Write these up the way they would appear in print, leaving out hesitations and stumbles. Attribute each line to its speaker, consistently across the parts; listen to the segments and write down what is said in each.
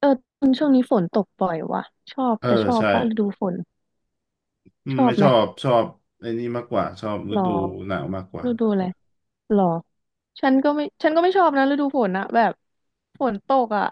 Speaker 1: เออช่วงนี้ฝนตกบ่อยว่ะชอบ
Speaker 2: เออ
Speaker 1: แกชอบ
Speaker 2: ใช่
Speaker 1: ปะฤดูฝน
Speaker 2: อื
Speaker 1: ช
Speaker 2: ม
Speaker 1: อ
Speaker 2: ไม่
Speaker 1: บไห
Speaker 2: ช
Speaker 1: ม
Speaker 2: อบชอบไอ้นี่มากกว่าชอบฤ
Speaker 1: หรอ
Speaker 2: ดูหนาวมากกว่า
Speaker 1: ฤดูอะไรหรอฉันก็ไม่ชอบนะฤดูฝนนะแบบฝนตกอ่ะ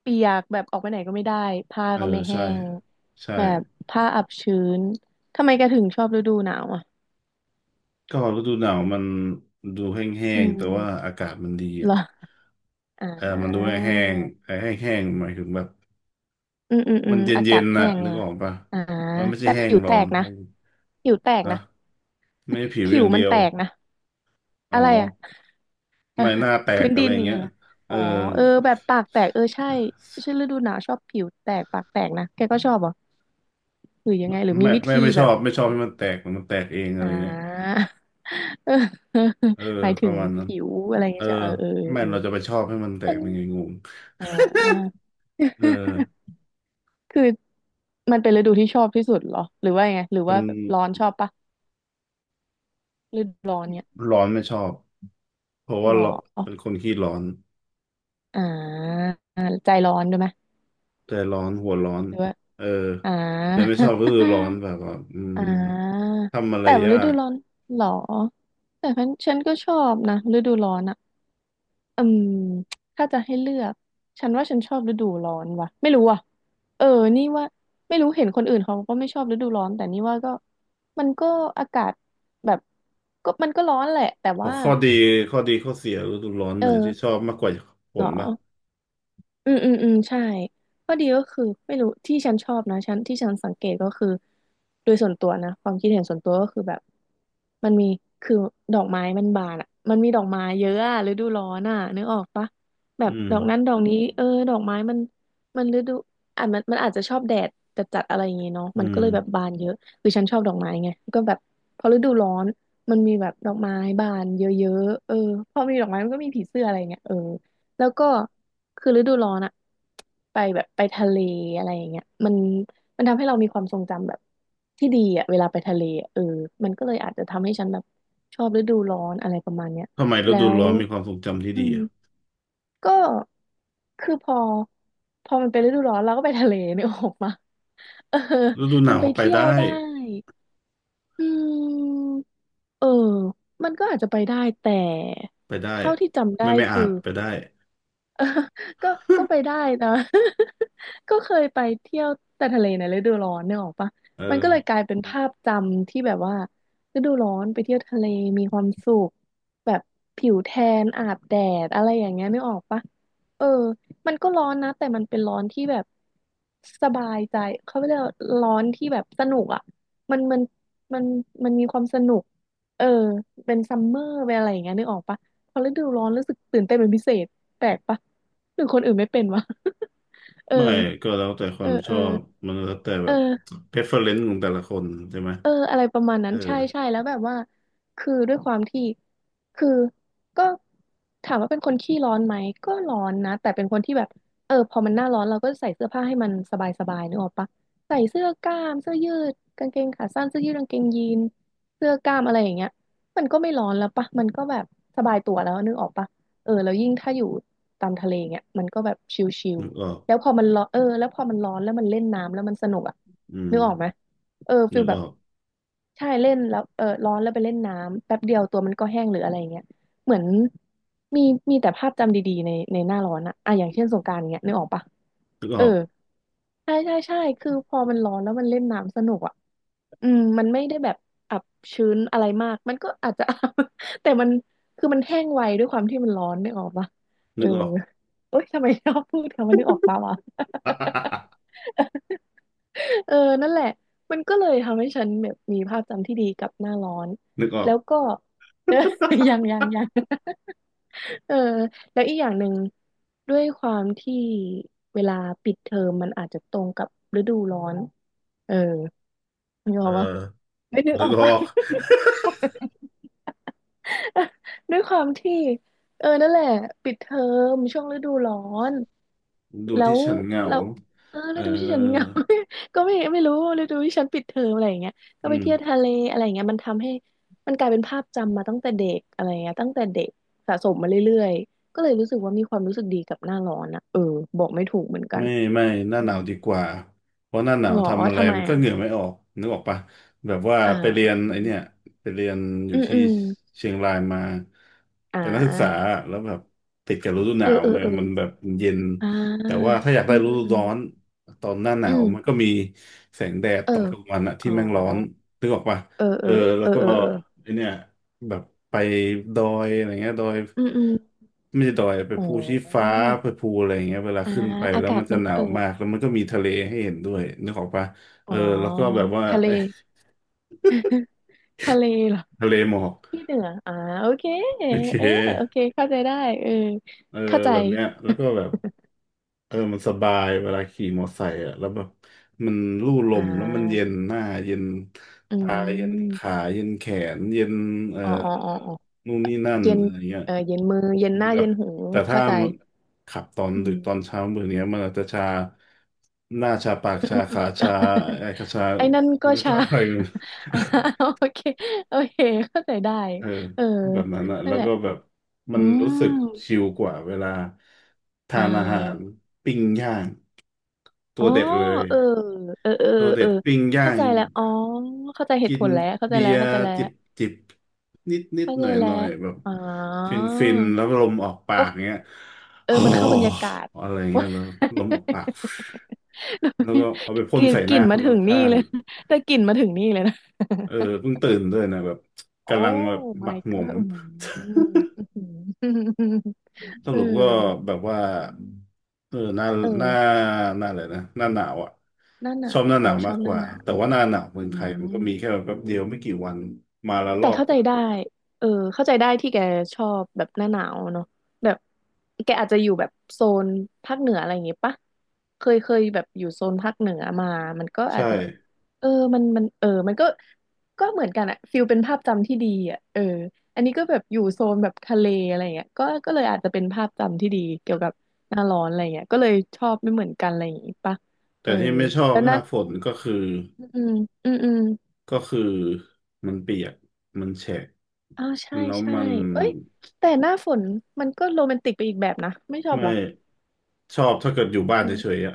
Speaker 1: เปียกแบบออกไปไหนก็ไม่ได้ผ้า
Speaker 2: เออ
Speaker 1: ก็ไม่แห้
Speaker 2: ใช่
Speaker 1: ง
Speaker 2: ใช่
Speaker 1: แบบผ้าอับชื้นทำไมแกถึงชอบฤดูหนาวอ่ะ
Speaker 2: ก็ฤดูหนาวมันดูแห้
Speaker 1: อื
Speaker 2: งๆแต่ว่า
Speaker 1: ม
Speaker 2: อากาศมันดี
Speaker 1: เหร
Speaker 2: อ่ะ
Speaker 1: ออ่
Speaker 2: เออมันดู
Speaker 1: า
Speaker 2: แห้งๆไอ้แห้งๆหมายถึงแบบ
Speaker 1: อืมอืมอื
Speaker 2: มัน
Speaker 1: ม
Speaker 2: เ
Speaker 1: อา
Speaker 2: ย็
Speaker 1: กา
Speaker 2: น
Speaker 1: ศ
Speaker 2: ๆ
Speaker 1: แห้
Speaker 2: น่ะ
Speaker 1: งไง
Speaker 2: นึก
Speaker 1: ล่ะ
Speaker 2: ออกปะ
Speaker 1: อ่า
Speaker 2: มันไม่ใช่
Speaker 1: แต่
Speaker 2: แห้
Speaker 1: ผิ
Speaker 2: ง
Speaker 1: ว
Speaker 2: ร้
Speaker 1: แต
Speaker 2: อน
Speaker 1: กนะ
Speaker 2: แห้ง
Speaker 1: ผิวแตก
Speaker 2: ฮะ
Speaker 1: นะ
Speaker 2: ไม่ใช่ผิว
Speaker 1: ผิ
Speaker 2: อ
Speaker 1: ว
Speaker 2: ย่าง
Speaker 1: มั
Speaker 2: เดี
Speaker 1: น
Speaker 2: ยว
Speaker 1: แตกนะ
Speaker 2: อ๋
Speaker 1: อะ
Speaker 2: อ
Speaker 1: ไรอ่ะ
Speaker 2: ไม่ห น้าแต
Speaker 1: เออพื้
Speaker 2: ก
Speaker 1: น
Speaker 2: อะ
Speaker 1: ดิ
Speaker 2: ไร
Speaker 1: น
Speaker 2: เงี้
Speaker 1: เนี่
Speaker 2: ย
Speaker 1: ยเหรอ
Speaker 2: เอ
Speaker 1: อ๋
Speaker 2: อ
Speaker 1: อเออแบบปากแตกเออใช่ใช่ฤดูหนาวชอบผิวแตกปากแตกนะแกก็ชอบเหรอหรือยัง
Speaker 2: ไม่
Speaker 1: ไงหรือ
Speaker 2: ไม
Speaker 1: มีวิ
Speaker 2: ่
Speaker 1: ธี
Speaker 2: ไม่ช
Speaker 1: แบ
Speaker 2: อ
Speaker 1: บ
Speaker 2: บไม่ช
Speaker 1: อะ
Speaker 2: อบ
Speaker 1: ไร
Speaker 2: ให้มันแตกมันแตกเองอะ
Speaker 1: อ่า
Speaker 2: ไรเงี้ย
Speaker 1: เออ
Speaker 2: เออ
Speaker 1: หมาย
Speaker 2: ป
Speaker 1: ถึ
Speaker 2: ระ
Speaker 1: ง
Speaker 2: มาณนั้น
Speaker 1: ผิวอะไร
Speaker 2: เอ
Speaker 1: เงี้
Speaker 2: อ
Speaker 1: ยจะเออเออ
Speaker 2: แม่
Speaker 1: เออ
Speaker 2: เราจะไปชอบให้มันแต
Speaker 1: เออมั
Speaker 2: ก
Speaker 1: น
Speaker 2: เป็นไงงง
Speaker 1: อ่า
Speaker 2: เออ
Speaker 1: คือมันเป็นฤดูที่ชอบที่สุดเหรอหรือว่ายังไงหรือ
Speaker 2: เป็
Speaker 1: ว่า
Speaker 2: น
Speaker 1: แบบร้อนชอบปะฤดูร้อนเนี่ย
Speaker 2: ร้อนไม่ชอบเพราะว่า
Speaker 1: ห
Speaker 2: เรา
Speaker 1: รอ
Speaker 2: เป็นคนขี้ร้อน
Speaker 1: อ่าใจร้อนด้วยไหม
Speaker 2: แต่ร้อนหัวร้อน
Speaker 1: หรือว่า
Speaker 2: เออ
Speaker 1: อ่า
Speaker 2: แต่ไม่ชอบก็คือร้อน แบบว่า
Speaker 1: อ่า
Speaker 2: ทำอะไร
Speaker 1: แต่ว่า
Speaker 2: ยา
Speaker 1: ฤดู
Speaker 2: ก
Speaker 1: ร้อนเหรอแต่ฉันก็ชอบนะฤดูร้อนอ่ะอืมถ้าจะให้เลือกฉันว่าฉันชอบฤดูร้อนว่ะไม่รู้อ่ะเออนี่ว่าไม่รู้เห็นคนอื่นเขาก็ไม่ชอบฤดูร้อนแต่นี่ว่าก็มันก็อากาศแบบก็ร้อนแหละแต่
Speaker 2: ขอ
Speaker 1: ว่า
Speaker 2: ข้อดีข้อดีข้อเสียฤดูร้อน
Speaker 1: เอ
Speaker 2: ไหนที่ชอ
Speaker 1: อ
Speaker 2: บมากกว่าฝ
Speaker 1: เหรอ
Speaker 2: นป่ะ
Speaker 1: อืมใช่ข้อดีก็คือไม่รู้ที่ฉันชอบนะฉันที่ฉันสังเกตก็คือโดยส่วนตัวนะความคิดเห็นส่วนตัวก็คือแบบมันมีคือดอกไม้มันบานอ่ะมันมีดอกไม้เยอะอะฤดูร้อนอ่ะนึกออกปะแบ
Speaker 2: อื
Speaker 1: บ
Speaker 2: ม
Speaker 1: ดอกนั้นดอกนี้เออดอกไม้มันฤดูอ่ะมันอาจจะชอบแดดจัดจัดอะไรอย่างงี้เนาะ
Speaker 2: อื
Speaker 1: มันก็
Speaker 2: ม
Speaker 1: เลยแบบบานเยอะคือฉันชอบดอกไม้ไงก็แบบพอฤดูร้อนมันมีแบบดอกไม้บานเยอะๆเออพอมีดอกไม้มันก็มีผีเสื้ออะไรเงี้ยเออ แล้วก็คือฤดูร้อนอะไปแบบไปทะเลอะไรอย่างเงี้ยมันทำให้เรามีความทรงจำแบบที่ดีอะเวลาไปทะเลอะเออมันก็เลยอาจจะทำให้ฉันแบบชอบฤดูร้อนอะไรประมาณเนี้ย
Speaker 2: ทำไมฤ
Speaker 1: แล้
Speaker 2: ดู
Speaker 1: ว
Speaker 2: ร้อนมีความทรงจำที่
Speaker 1: อื
Speaker 2: ดี
Speaker 1: ม
Speaker 2: อะ
Speaker 1: ก็คือพอมันเป็นฤดูร้อนเราก็ไปทะเลนึกออกมาเออ
Speaker 2: ฤดูห
Speaker 1: มั
Speaker 2: นา
Speaker 1: น
Speaker 2: ว
Speaker 1: ไป
Speaker 2: ก็ไป
Speaker 1: เที่ย
Speaker 2: ได้
Speaker 1: วได้อืมเออมันก็อาจจะไปได้แต่
Speaker 2: ไปได้
Speaker 1: เท่าที่จำ
Speaker 2: ไม่
Speaker 1: ได้
Speaker 2: ไม่อา
Speaker 1: คื
Speaker 2: จ
Speaker 1: อ
Speaker 2: ไปได้
Speaker 1: เออก็ก็ไปได้นะ ก็เคยไปเที่ยวแต่ทะเลในฤดูร้อนเนี่ยออกปะ
Speaker 2: เออ
Speaker 1: มันก็เลยกลายเป็นภาพจำที่แบบว่าฤดูร้อนไปเที่ยวทะเลมีความสุขแบบผิวแทนอาบแดดอะไรอย่างเงี้ยนึกออกปะเออมันก็ร้อนนะแต่มันเป็นร้อนที่แบบสบายใจเขาเรียกว่าร้อนที่แบบสนุกอ่ะมันมันมันมันมีความสนุกเออเป็นซัมเมอร์เป็นอะไรอย่างเงี้ยนึกออกปะพอฤดูร้อนรู้สึกตื่นเต้นเป็นพิเศษแปลกปะ หรือคนอื่นไม่เป็นวะ เอ
Speaker 2: ไม่
Speaker 1: อ
Speaker 2: ก็แล้วแต่ค
Speaker 1: เอ
Speaker 2: วา
Speaker 1: อ
Speaker 2: มช
Speaker 1: เออ
Speaker 2: อบมันแล้วแต่แบบ
Speaker 1: เออ
Speaker 2: preference ของแต่ละคนใช่ไหม
Speaker 1: เอออะไรประมาณ
Speaker 2: เอ
Speaker 1: นั้น
Speaker 2: อ
Speaker 1: ใช่ใช่แล้วแบบว่าคือด้วยความที่คือก็ถามว่าเป็นคนขี้ร้อนไหมก็ร้อนนะแต่เป็นคนที่แบบเออพอมันหน้าร้อนเราก็ใส่เสื้อผ้าให้มันสบายสบายนึกออกปะใส่เสื้อกล้ามเสื้อยืดกางเกงขาสั้นเสื้อยืดกางเกงยีนเสื้อกล้ามอะไรอย่างเงี้ยมันก็ไม่ร้อนแล้วปะมันก็แบบสบายตัวแล้วนึกออกปะเออแล้วยิ่งถ้าอยู่ตามทะเลเงี้ยมันก็แบบชิล
Speaker 2: นึกออก
Speaker 1: ๆแล้วพอมันร้อนเออแล้วพอมันร้อนแล้วมันเล่นน้ำแล้วมันสนุกอะ
Speaker 2: อืม
Speaker 1: นึกออกไหมเออฟิ
Speaker 2: นึ
Speaker 1: ล
Speaker 2: ก
Speaker 1: แบ
Speaker 2: อ
Speaker 1: บ
Speaker 2: อก
Speaker 1: ใช่เล่นแล้วเออร้อนแล้วไปเล่นน้ำแป๊บเดียวตัวมันก็แห้งหรืออะไรเงี้ยเหมือนมีมีแต่ภาพจำดีๆในหน้าร้อนอะอ่ะอย่างเช่นสงกรานต์เงี้ยนึกออกปะ
Speaker 2: นึกอ
Speaker 1: เออ
Speaker 2: อก
Speaker 1: ใช่ใช่ใช่คือพอมันร้อนแล้วมันเล่นน้ำสนุกอ่ะอืมมันไม่ได้แบบอับชื้นอะไรมากมันก็อาจจะ แต่มันคือมันแห้งไวด้วยความที่มันร้อนนึกออกปะเอ
Speaker 2: นึ
Speaker 1: อ
Speaker 2: กออก
Speaker 1: เอ้ยทำไมชอบพูดคำว่านึกออกปะวะ เออนั่นแหละมันก็เลยทำให้ฉันแบบมีภาพจำที่ดีกับหน้าร้อน
Speaker 2: นึกออ
Speaker 1: แล้
Speaker 2: ก
Speaker 1: วก็ ยัง เออแล้วอีกอย่างหนึ่งด้วยความที่เวลาปิดเทอมมันอาจจะตรงกับฤดูร้อนเออนึก
Speaker 2: เอ
Speaker 1: อ
Speaker 2: อ
Speaker 1: อกปะไม่นึกอ
Speaker 2: นึก
Speaker 1: อก
Speaker 2: อ
Speaker 1: ปะ
Speaker 2: อก
Speaker 1: ด้วยความที่เออนั่นแหละปิดเทอมช่วงฤดูร้อน
Speaker 2: ดู
Speaker 1: แล้
Speaker 2: ที่
Speaker 1: ว
Speaker 2: ฉันเหงา
Speaker 1: เราวเออ
Speaker 2: เอ
Speaker 1: ฤดูที่ฉันเหงา
Speaker 2: อ
Speaker 1: ก็ไม่รู้ฤดูที่ฉันปิดเทอมอะไรอย่างเงี้ยก็
Speaker 2: อื
Speaker 1: ไป
Speaker 2: ม
Speaker 1: เที่ยวทะเลอะไรอย่างเงี้ยมันทำให้มันกลายเป็นภาพจำมาตั้งแต่เด็กอะไรเงี้ยตั้งแต่เด็กสะสมมาเรื่อยๆก็เลยรู้สึกว่ามีความรู้สึกดีกับหน้าร้อนอะเออบอกไม่ถูกเหมือนกัน
Speaker 2: ไม่ไม่หน้า
Speaker 1: อื
Speaker 2: หนา
Speaker 1: ม
Speaker 2: วดีกว่า เพราะหน้าหนา
Speaker 1: ห
Speaker 2: ว
Speaker 1: รอ
Speaker 2: ทำอะไร
Speaker 1: ทำไม
Speaker 2: มันก็
Speaker 1: อะ
Speaker 2: เหงื่อไม่ออกนึกออกปะแบบว่า
Speaker 1: อ่
Speaker 2: ไปเรียนไอ
Speaker 1: า
Speaker 2: เนี่ยไปเรียนอ
Speaker 1: อื
Speaker 2: ยู่
Speaker 1: มอื
Speaker 2: ที่
Speaker 1: ม
Speaker 2: เชียงรายมา
Speaker 1: อ่
Speaker 2: เป็นนักศึกษา
Speaker 1: า
Speaker 2: แล้วแบบติดกับฤดูห
Speaker 1: เอ
Speaker 2: นา
Speaker 1: อ
Speaker 2: ว
Speaker 1: เออ
Speaker 2: ไง
Speaker 1: เออ
Speaker 2: มันแบบเย็น
Speaker 1: อ่
Speaker 2: แต่ว่า
Speaker 1: า
Speaker 2: ถ้าอยาก
Speaker 1: อื
Speaker 2: ได้
Speaker 1: ม
Speaker 2: ฤ
Speaker 1: อืม
Speaker 2: ดู
Speaker 1: อืม
Speaker 2: ร้อนตอนหน้าหนา
Speaker 1: อื
Speaker 2: วมันก็
Speaker 1: ม
Speaker 2: มีแสงแดด
Speaker 1: เออ
Speaker 2: ตอนกลางวันอะ
Speaker 1: อ๋
Speaker 2: ที่
Speaker 1: อ
Speaker 2: แม่งร้อนนึกออกปะ
Speaker 1: เออ
Speaker 2: เอ
Speaker 1: เอ
Speaker 2: อ
Speaker 1: อ
Speaker 2: แล้
Speaker 1: เอ
Speaker 2: ว
Speaker 1: อ
Speaker 2: ก็
Speaker 1: เออเออ
Speaker 2: ไอเนี่ย แบบไปดอยอะไรเงี้ยดอย
Speaker 1: อืมอืม
Speaker 2: ไม่ใช่ดอยไป
Speaker 1: อ๋อ
Speaker 2: ภูชี้ฟ้าไปภูอะไรอย่างเงี้ยเวลา
Speaker 1: อ่า
Speaker 2: ขึ้นไป
Speaker 1: อา
Speaker 2: แล้ว
Speaker 1: กา
Speaker 2: มั
Speaker 1: ศ
Speaker 2: นจะ
Speaker 1: มัน
Speaker 2: หนาวมากแล้วมันก็มีทะเลให้เห็นด้วยนึกออกปะ
Speaker 1: อ๋
Speaker 2: เอ
Speaker 1: อ
Speaker 2: อแล้วก็แบบว่า
Speaker 1: ทะ เล
Speaker 2: เอ้ย
Speaker 1: ทะเลเหรอ
Speaker 2: ทะเลหมอก
Speaker 1: ที่เหนืออ่าโอเค
Speaker 2: โอเค
Speaker 1: เออโอเค เข้าใจได้เออ
Speaker 2: เออ
Speaker 1: เข้าใจ
Speaker 2: แบบเนี้ยแล้วก็แบบเออมันสบายเวลาขี่มอไซค์อ่ะแล้วแบบมันลู่ล
Speaker 1: อ่
Speaker 2: มแล้วมันเย็
Speaker 1: า
Speaker 2: นหน้าเย็น
Speaker 1: อื
Speaker 2: ตาเย็นขา
Speaker 1: ม
Speaker 2: เย็นแขนเย็นเอ่อ
Speaker 1: อ๋ออ๋ออ๋ออ๋อ
Speaker 2: นู่นนี่นั่น
Speaker 1: เย็น
Speaker 2: อะไรเงี้ย
Speaker 1: เออเย็นมือ เย็นห
Speaker 2: มัน
Speaker 1: น้า
Speaker 2: แบ
Speaker 1: เย็
Speaker 2: บ
Speaker 1: นหู
Speaker 2: แต่ถ้า
Speaker 1: เข้าใจ
Speaker 2: มันขับตอน
Speaker 1: อื
Speaker 2: ดึกตอน
Speaker 1: ม
Speaker 2: เช้ามือเนี้ยมันอาจจะชาหน้าชาปาก
Speaker 1: อืมอื
Speaker 2: ชา
Speaker 1: มอืม
Speaker 2: ขาชา ไอ้ขาชา
Speaker 1: ไอ้นั่นก็
Speaker 2: แล้วก็
Speaker 1: ชา
Speaker 2: อะไรอยู่
Speaker 1: อ่าโอเคโอเคเข้าใจได้
Speaker 2: เออ
Speaker 1: เออ
Speaker 2: แบบนั้นอะ
Speaker 1: นั่
Speaker 2: แล้
Speaker 1: น
Speaker 2: ว
Speaker 1: แหละ
Speaker 2: ก็แบบมั
Speaker 1: อื
Speaker 2: นรู้สึก
Speaker 1: ม
Speaker 2: ชิลกว่าเวลา
Speaker 1: อ่
Speaker 2: ทานอาหาร
Speaker 1: า
Speaker 2: ปิ้งย่างตั
Speaker 1: อ๋
Speaker 2: ว
Speaker 1: อ
Speaker 2: เด็ดเลย
Speaker 1: เออเออเออ
Speaker 2: ตัว
Speaker 1: เอ
Speaker 2: เด็
Speaker 1: อ
Speaker 2: ดปิ้งย่า
Speaker 1: เข้า
Speaker 2: ง
Speaker 1: ใจแล้วอ๋อเข้าใจเห
Speaker 2: กิ
Speaker 1: ตุผ
Speaker 2: น
Speaker 1: ลแล้ว เข้าใจ
Speaker 2: เบี
Speaker 1: แล้
Speaker 2: ย
Speaker 1: ว
Speaker 2: ร์
Speaker 1: เข้าใจแล้ว
Speaker 2: จิบจิบนิดนิด
Speaker 1: เข้า
Speaker 2: ห
Speaker 1: ใจ
Speaker 2: น่อยห
Speaker 1: แล้ว
Speaker 2: น่อยแบบ
Speaker 1: อ๋อ
Speaker 2: ฟินฟินแล้วลมออกปา
Speaker 1: ก็
Speaker 2: กเงี้ย
Speaker 1: เออ
Speaker 2: โอ้
Speaker 1: มันเข้าบรรยากาศ
Speaker 2: อะไรเงี้ยแล้วลมออกปากแล้วก็เอาไป พ่
Speaker 1: ก
Speaker 2: น
Speaker 1: ลิ่น
Speaker 2: ใส่
Speaker 1: ก
Speaker 2: ห
Speaker 1: ลิ่
Speaker 2: น้า
Speaker 1: น
Speaker 2: ค
Speaker 1: มา
Speaker 2: น
Speaker 1: ถึงนี่
Speaker 2: ข้าง
Speaker 1: เลย แต่กลิ่นมาถึงนี่เลยนะ
Speaker 2: ๆเออเพิ่งตื่นด้วยนะแบบ
Speaker 1: โอ้
Speaker 2: กำลังแบบหมั
Speaker 1: my
Speaker 2: กหมม
Speaker 1: god อืมอื้อหือ
Speaker 2: ส
Speaker 1: เออ
Speaker 2: รุปก็แบบว่าเออหน้า
Speaker 1: เอ
Speaker 2: หน้า
Speaker 1: อ
Speaker 2: หน้าอะไรนะหน้าหนาวอ่ะ
Speaker 1: หน้าหนา
Speaker 2: ชอบ
Speaker 1: ว
Speaker 2: หน้าห
Speaker 1: โอ้
Speaker 2: นาว
Speaker 1: ช
Speaker 2: มา
Speaker 1: อ
Speaker 2: ก
Speaker 1: บห
Speaker 2: ก
Speaker 1: น้า
Speaker 2: ว่า
Speaker 1: หนา
Speaker 2: แต่
Speaker 1: ว
Speaker 2: ว่าหน้าหนาวเมื
Speaker 1: อื
Speaker 2: องไทยมัน
Speaker 1: ม
Speaker 2: ก็มีแค่แบบแป๊บเดียวไม่กี่วันมาละล
Speaker 1: แต่
Speaker 2: อก
Speaker 1: เข้าใจได้เออเข้าใจได้ที่แกชอบแบบหน้าหนาวเนาะแบบแกอาจจะอยู่แบบโซนภาคเหนืออะไรอย่างงี้ปะเคยเคยแบบอยู่โซนภาคเหนือมามันก็อา
Speaker 2: ใช่
Speaker 1: จจะแบบเออมันมันก็ก็เหมือนกันอะฟิลเป็นภาพจำที่ดีอะเอออันนี้ก็แบบอยู่โซนแบบทะเลอะไรอย่างเงี้ยก็ก็เลยอาจจะเป็นภาพจำที่ดีเกี่ยวกับหน้าร้อนอะไรอย่างเงี้ยก็เลยชอบไม่เหมือนกันอะไรอย่างงี้ปะ
Speaker 2: แต่
Speaker 1: เออ
Speaker 2: ที่ไม่ชอบ
Speaker 1: แล้ว
Speaker 2: ห
Speaker 1: นั้
Speaker 2: น้า
Speaker 1: น
Speaker 2: ฝนก็คือ
Speaker 1: อืมอืมอืม
Speaker 2: ก็คือมันเปียกมันแฉะ
Speaker 1: อ้าวใช่
Speaker 2: แล้ว
Speaker 1: ใช่
Speaker 2: มัน
Speaker 1: เอ้ยแต่หน้าฝนมันก็โรแมนติกไปอีกแบบนะไม่ชอบ
Speaker 2: ไม่
Speaker 1: เหรอ
Speaker 2: ชอบถ้าเกิดอยู่บ้านเฉ
Speaker 1: เออ
Speaker 2: ยๆอ่ะ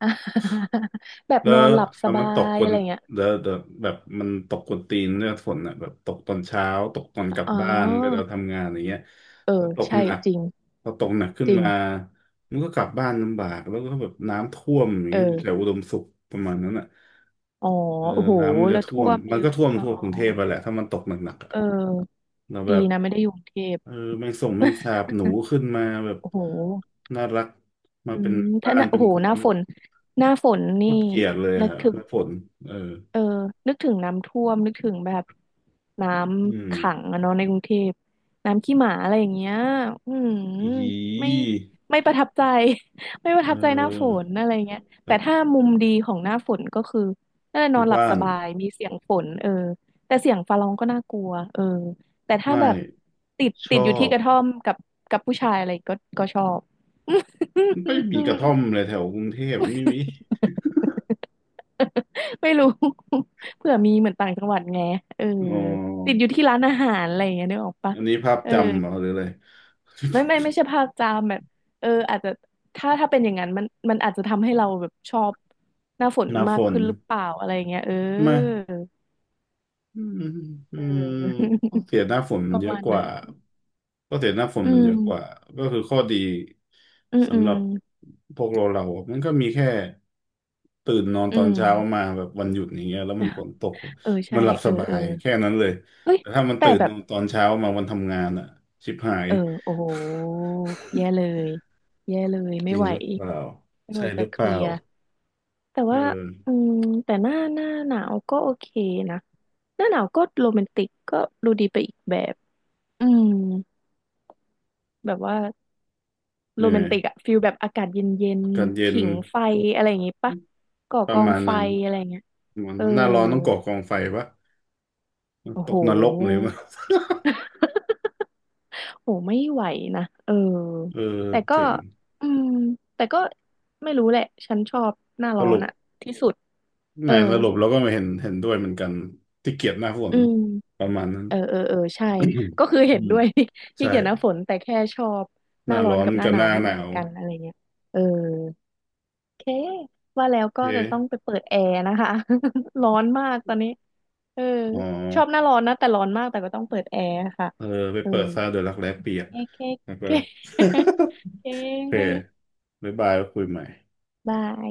Speaker 1: อ่ะ แบบ
Speaker 2: แล้ว
Speaker 1: นอนหลับส
Speaker 2: แล้ว
Speaker 1: บา
Speaker 2: มันตก
Speaker 1: ย
Speaker 2: กว
Speaker 1: อะ
Speaker 2: น
Speaker 1: ไรเงี้ย
Speaker 2: แล้วแบบมันตกกวนตีนเนี่ยฝนอ่ะแบบตกตอนเช้าตกตอนกลับ
Speaker 1: อ๋อ
Speaker 2: บ้านไปเราทำงานอย่างเงี้ย
Speaker 1: เอ
Speaker 2: แล้
Speaker 1: อ
Speaker 2: วตก
Speaker 1: ใช่
Speaker 2: หนัก
Speaker 1: จริง
Speaker 2: พอตกหนักขึ้
Speaker 1: จ
Speaker 2: น
Speaker 1: ริง
Speaker 2: มามันก็กลับบ้านลำบากแล้วก็แบบน้ำท่วมอย่าง
Speaker 1: เอ
Speaker 2: เงี้ยอยู่แถว
Speaker 1: อ
Speaker 2: อุดมสุขประมาณนั้นอ่ะ
Speaker 1: อ๋อ
Speaker 2: เออ
Speaker 1: โอ้โห
Speaker 2: น้ำมันจะ
Speaker 1: แล้ว
Speaker 2: ท่
Speaker 1: ท่
Speaker 2: วม
Speaker 1: วม
Speaker 2: มัน
Speaker 1: เย
Speaker 2: ก็
Speaker 1: อะ
Speaker 2: ท่วม
Speaker 1: อ๋อ
Speaker 2: ทั่วกรุงเทพไปแหละถ้ามันตกหนักๆอะ
Speaker 1: อ๋ออ๋อเออ
Speaker 2: แล้ว
Speaker 1: ดี
Speaker 2: แบบ
Speaker 1: นะไม่ได้อยู่กรุงเทพ
Speaker 2: เออแมงส่งแมงสา บหนูขึ้นมาแบบ
Speaker 1: โอ้โห
Speaker 2: น่ารักมา
Speaker 1: อื
Speaker 2: เป็น
Speaker 1: มถ้า
Speaker 2: บ้า
Speaker 1: ห
Speaker 2: น
Speaker 1: น้า
Speaker 2: เป็
Speaker 1: โอ้
Speaker 2: น
Speaker 1: โห
Speaker 2: ก
Speaker 1: ห
Speaker 2: ว
Speaker 1: น้า
Speaker 2: น
Speaker 1: ฝนหน้าฝน
Speaker 2: โค
Speaker 1: นี่
Speaker 2: ตรเกลียดเลย
Speaker 1: นึก
Speaker 2: ฮะ
Speaker 1: ถึง
Speaker 2: น้ำฝนเออ
Speaker 1: เออนึกถึงน้ำท่วมนึกถึงแบบน้
Speaker 2: อืม
Speaker 1: ำขังอะเนาะในกรุงเทพน้ำขี้หมาอะไรอย่างเงี้ยอืม
Speaker 2: อ
Speaker 1: ไม่
Speaker 2: ี
Speaker 1: ไม่ประทับใจ ไม่ประ
Speaker 2: เอ
Speaker 1: ทับใจหน้าฝ
Speaker 2: อ
Speaker 1: นอะไรเงี้ย
Speaker 2: แบ
Speaker 1: แต่
Speaker 2: บ
Speaker 1: ถ้ามุมดีของหน้าฝนก็คือเออ
Speaker 2: อ
Speaker 1: นอ
Speaker 2: ยู่
Speaker 1: นหลับ
Speaker 2: บ้า
Speaker 1: ส
Speaker 2: น
Speaker 1: บายมีเสียงฝนเออแต่เสียงฟ้าร้องก็น่ากลัวเออแต่ถ้า
Speaker 2: ไม่
Speaker 1: แบบติด
Speaker 2: ช
Speaker 1: ติ
Speaker 2: อ
Speaker 1: ดอยู่ที่
Speaker 2: บ
Speaker 1: กระท่อมกับกับผู้ชายอะไรก็ก็ชอบ
Speaker 2: ไม่มีกระท่อม เลยแถวกรุงเทพไม่มี
Speaker 1: ไม่รู้ เผื่อมีเหมือนต่างจังหวัดไงเออ
Speaker 2: อ๋
Speaker 1: ติดอ
Speaker 2: อ
Speaker 1: ยู่ที่ร้านอาหารอะไรอย่างเงี้ยนึกออกปะ
Speaker 2: อันนี้ภาพ
Speaker 1: เออ
Speaker 2: จำเหรอหรืออะไร
Speaker 1: ไม่ไม่ใช่ภาคจามแบบเอออาจจะถ้าเป็นอย่างนั้นมันมันอาจจะทำให้เราแบบชอบหน้าฝน
Speaker 2: หน้าฝ
Speaker 1: มาก
Speaker 2: น
Speaker 1: ขึ้นหรือเปล่าอะไรอย่างเงี้ยเออ
Speaker 2: ไม่ อืมอื
Speaker 1: เ
Speaker 2: ม
Speaker 1: ออ
Speaker 2: ข้อเสียหน้าฝน มั
Speaker 1: ป
Speaker 2: น
Speaker 1: ระ
Speaker 2: เยอะ
Speaker 1: มาณ
Speaker 2: กว่า
Speaker 1: นั้น
Speaker 2: ข้อเสียหน้าฝน
Speaker 1: อื
Speaker 2: มันเยอะกว่า
Speaker 1: ม
Speaker 2: ก็คือข้อดี
Speaker 1: อืมอื
Speaker 2: สำห
Speaker 1: ม
Speaker 2: รับพวกเราเราอะมันก็มีแค่ตื่นนอน
Speaker 1: อื
Speaker 2: ตอน
Speaker 1: ม
Speaker 2: เช้ามาแบบวันหยุดอย่างเงี้ยแล้วมันฝ นตก
Speaker 1: เออใช่
Speaker 2: มันหลับ
Speaker 1: เอ
Speaker 2: ส
Speaker 1: อ
Speaker 2: บา
Speaker 1: เออ
Speaker 2: ยแค่นั้นเลย
Speaker 1: เฮ้ย
Speaker 2: แต่ถ้ามัน
Speaker 1: แต่
Speaker 2: ตื่น
Speaker 1: แบ
Speaker 2: น
Speaker 1: บ
Speaker 2: อนตอนเช้ามาวันทำงานอ่ะชิบหาย
Speaker 1: เออโอ้โหแย่เลยแย่เลย
Speaker 2: จ
Speaker 1: ไม่
Speaker 2: ริง
Speaker 1: ไหว
Speaker 2: หรือเปล่า
Speaker 1: ไม่ไห
Speaker 2: ใช่
Speaker 1: ว
Speaker 2: ห
Speaker 1: จะ
Speaker 2: รือ
Speaker 1: เค
Speaker 2: เปล่า
Speaker 1: ลียร์ แต่
Speaker 2: เอ
Speaker 1: ว่าอื
Speaker 2: อ
Speaker 1: มแต่หน้าหนาวก็โอเคนะหน้าหนาวก็โรแมนติกก็ดูดีไปอีกแบบอืมแบบว่า
Speaker 2: เห
Speaker 1: โร
Speaker 2: นื่
Speaker 1: แม
Speaker 2: อ
Speaker 1: น
Speaker 2: ย
Speaker 1: ติกอะฟิลแบบอากาศเย็น
Speaker 2: อากาศ
Speaker 1: ๆ
Speaker 2: เย็น
Speaker 1: ผิงไฟอะไรอย่างงี้ปะก่อ
Speaker 2: ป
Speaker 1: ก
Speaker 2: ระ
Speaker 1: อง
Speaker 2: มาณ
Speaker 1: ไฟ
Speaker 2: นั้น
Speaker 1: อะไรเงี้ย
Speaker 2: ประมัน
Speaker 1: เออ
Speaker 2: หน้าร้อนต้องก่อกองไฟปะ
Speaker 1: โอ้
Speaker 2: ต
Speaker 1: โห
Speaker 2: กนรกเลยมั้ง
Speaker 1: โหไม่ไหวนะเออ
Speaker 2: เออ
Speaker 1: แต่ก็
Speaker 2: เจ๋ง
Speaker 1: อืมแต่ก็ไม่รู้แหละฉันชอบหน้า
Speaker 2: ส
Speaker 1: ร้อน
Speaker 2: รุป
Speaker 1: อะที่สุด
Speaker 2: ไห
Speaker 1: เอ
Speaker 2: น
Speaker 1: อ
Speaker 2: สรุปเราก็ไม่เห็นเห็นด้วยเหมือนกันที่เกียดหน้าฝ
Speaker 1: อื
Speaker 2: น
Speaker 1: ม
Speaker 2: ประมาณนั้น
Speaker 1: เออเออเออใช่ก็คือ เห็
Speaker 2: อื
Speaker 1: น
Speaker 2: ม
Speaker 1: ด้วย ที่
Speaker 2: ใช่
Speaker 1: เกี่ยวหน้าฝนแต่แค่ชอบ
Speaker 2: ห
Speaker 1: หน้า
Speaker 2: น้า
Speaker 1: ร้อ
Speaker 2: ร้
Speaker 1: น
Speaker 2: อน
Speaker 1: กับหน้า
Speaker 2: กับ
Speaker 1: ห
Speaker 2: ห
Speaker 1: นาว
Speaker 2: น้า
Speaker 1: ไม่
Speaker 2: ห
Speaker 1: เหมื
Speaker 2: นา
Speaker 1: อน
Speaker 2: ว
Speaker 1: กันอะไรเงี้ยเออโอเคว่าแล้ว
Speaker 2: โอเ
Speaker 1: ก็จะต้อง
Speaker 2: ค
Speaker 1: ไปเปิดแอร์นะคะ ร้อนมากตอนนี้เออ
Speaker 2: อ๋
Speaker 1: ชอบห
Speaker 2: อ
Speaker 1: น้าร้อนนะแต่ร้อนมากแต่ก็ต้องเปิดแอร์ค่ะ
Speaker 2: เออไป
Speaker 1: เออ
Speaker 2: เปิดซาเดอะรักแร้เปียก
Speaker 1: โอเค
Speaker 2: แล้ว
Speaker 1: โอ
Speaker 2: ก็
Speaker 1: เค โอเค
Speaker 2: โอ
Speaker 1: โอ
Speaker 2: เค
Speaker 1: เค
Speaker 2: บ๊ายบายแล้วคุยใหม่
Speaker 1: บาย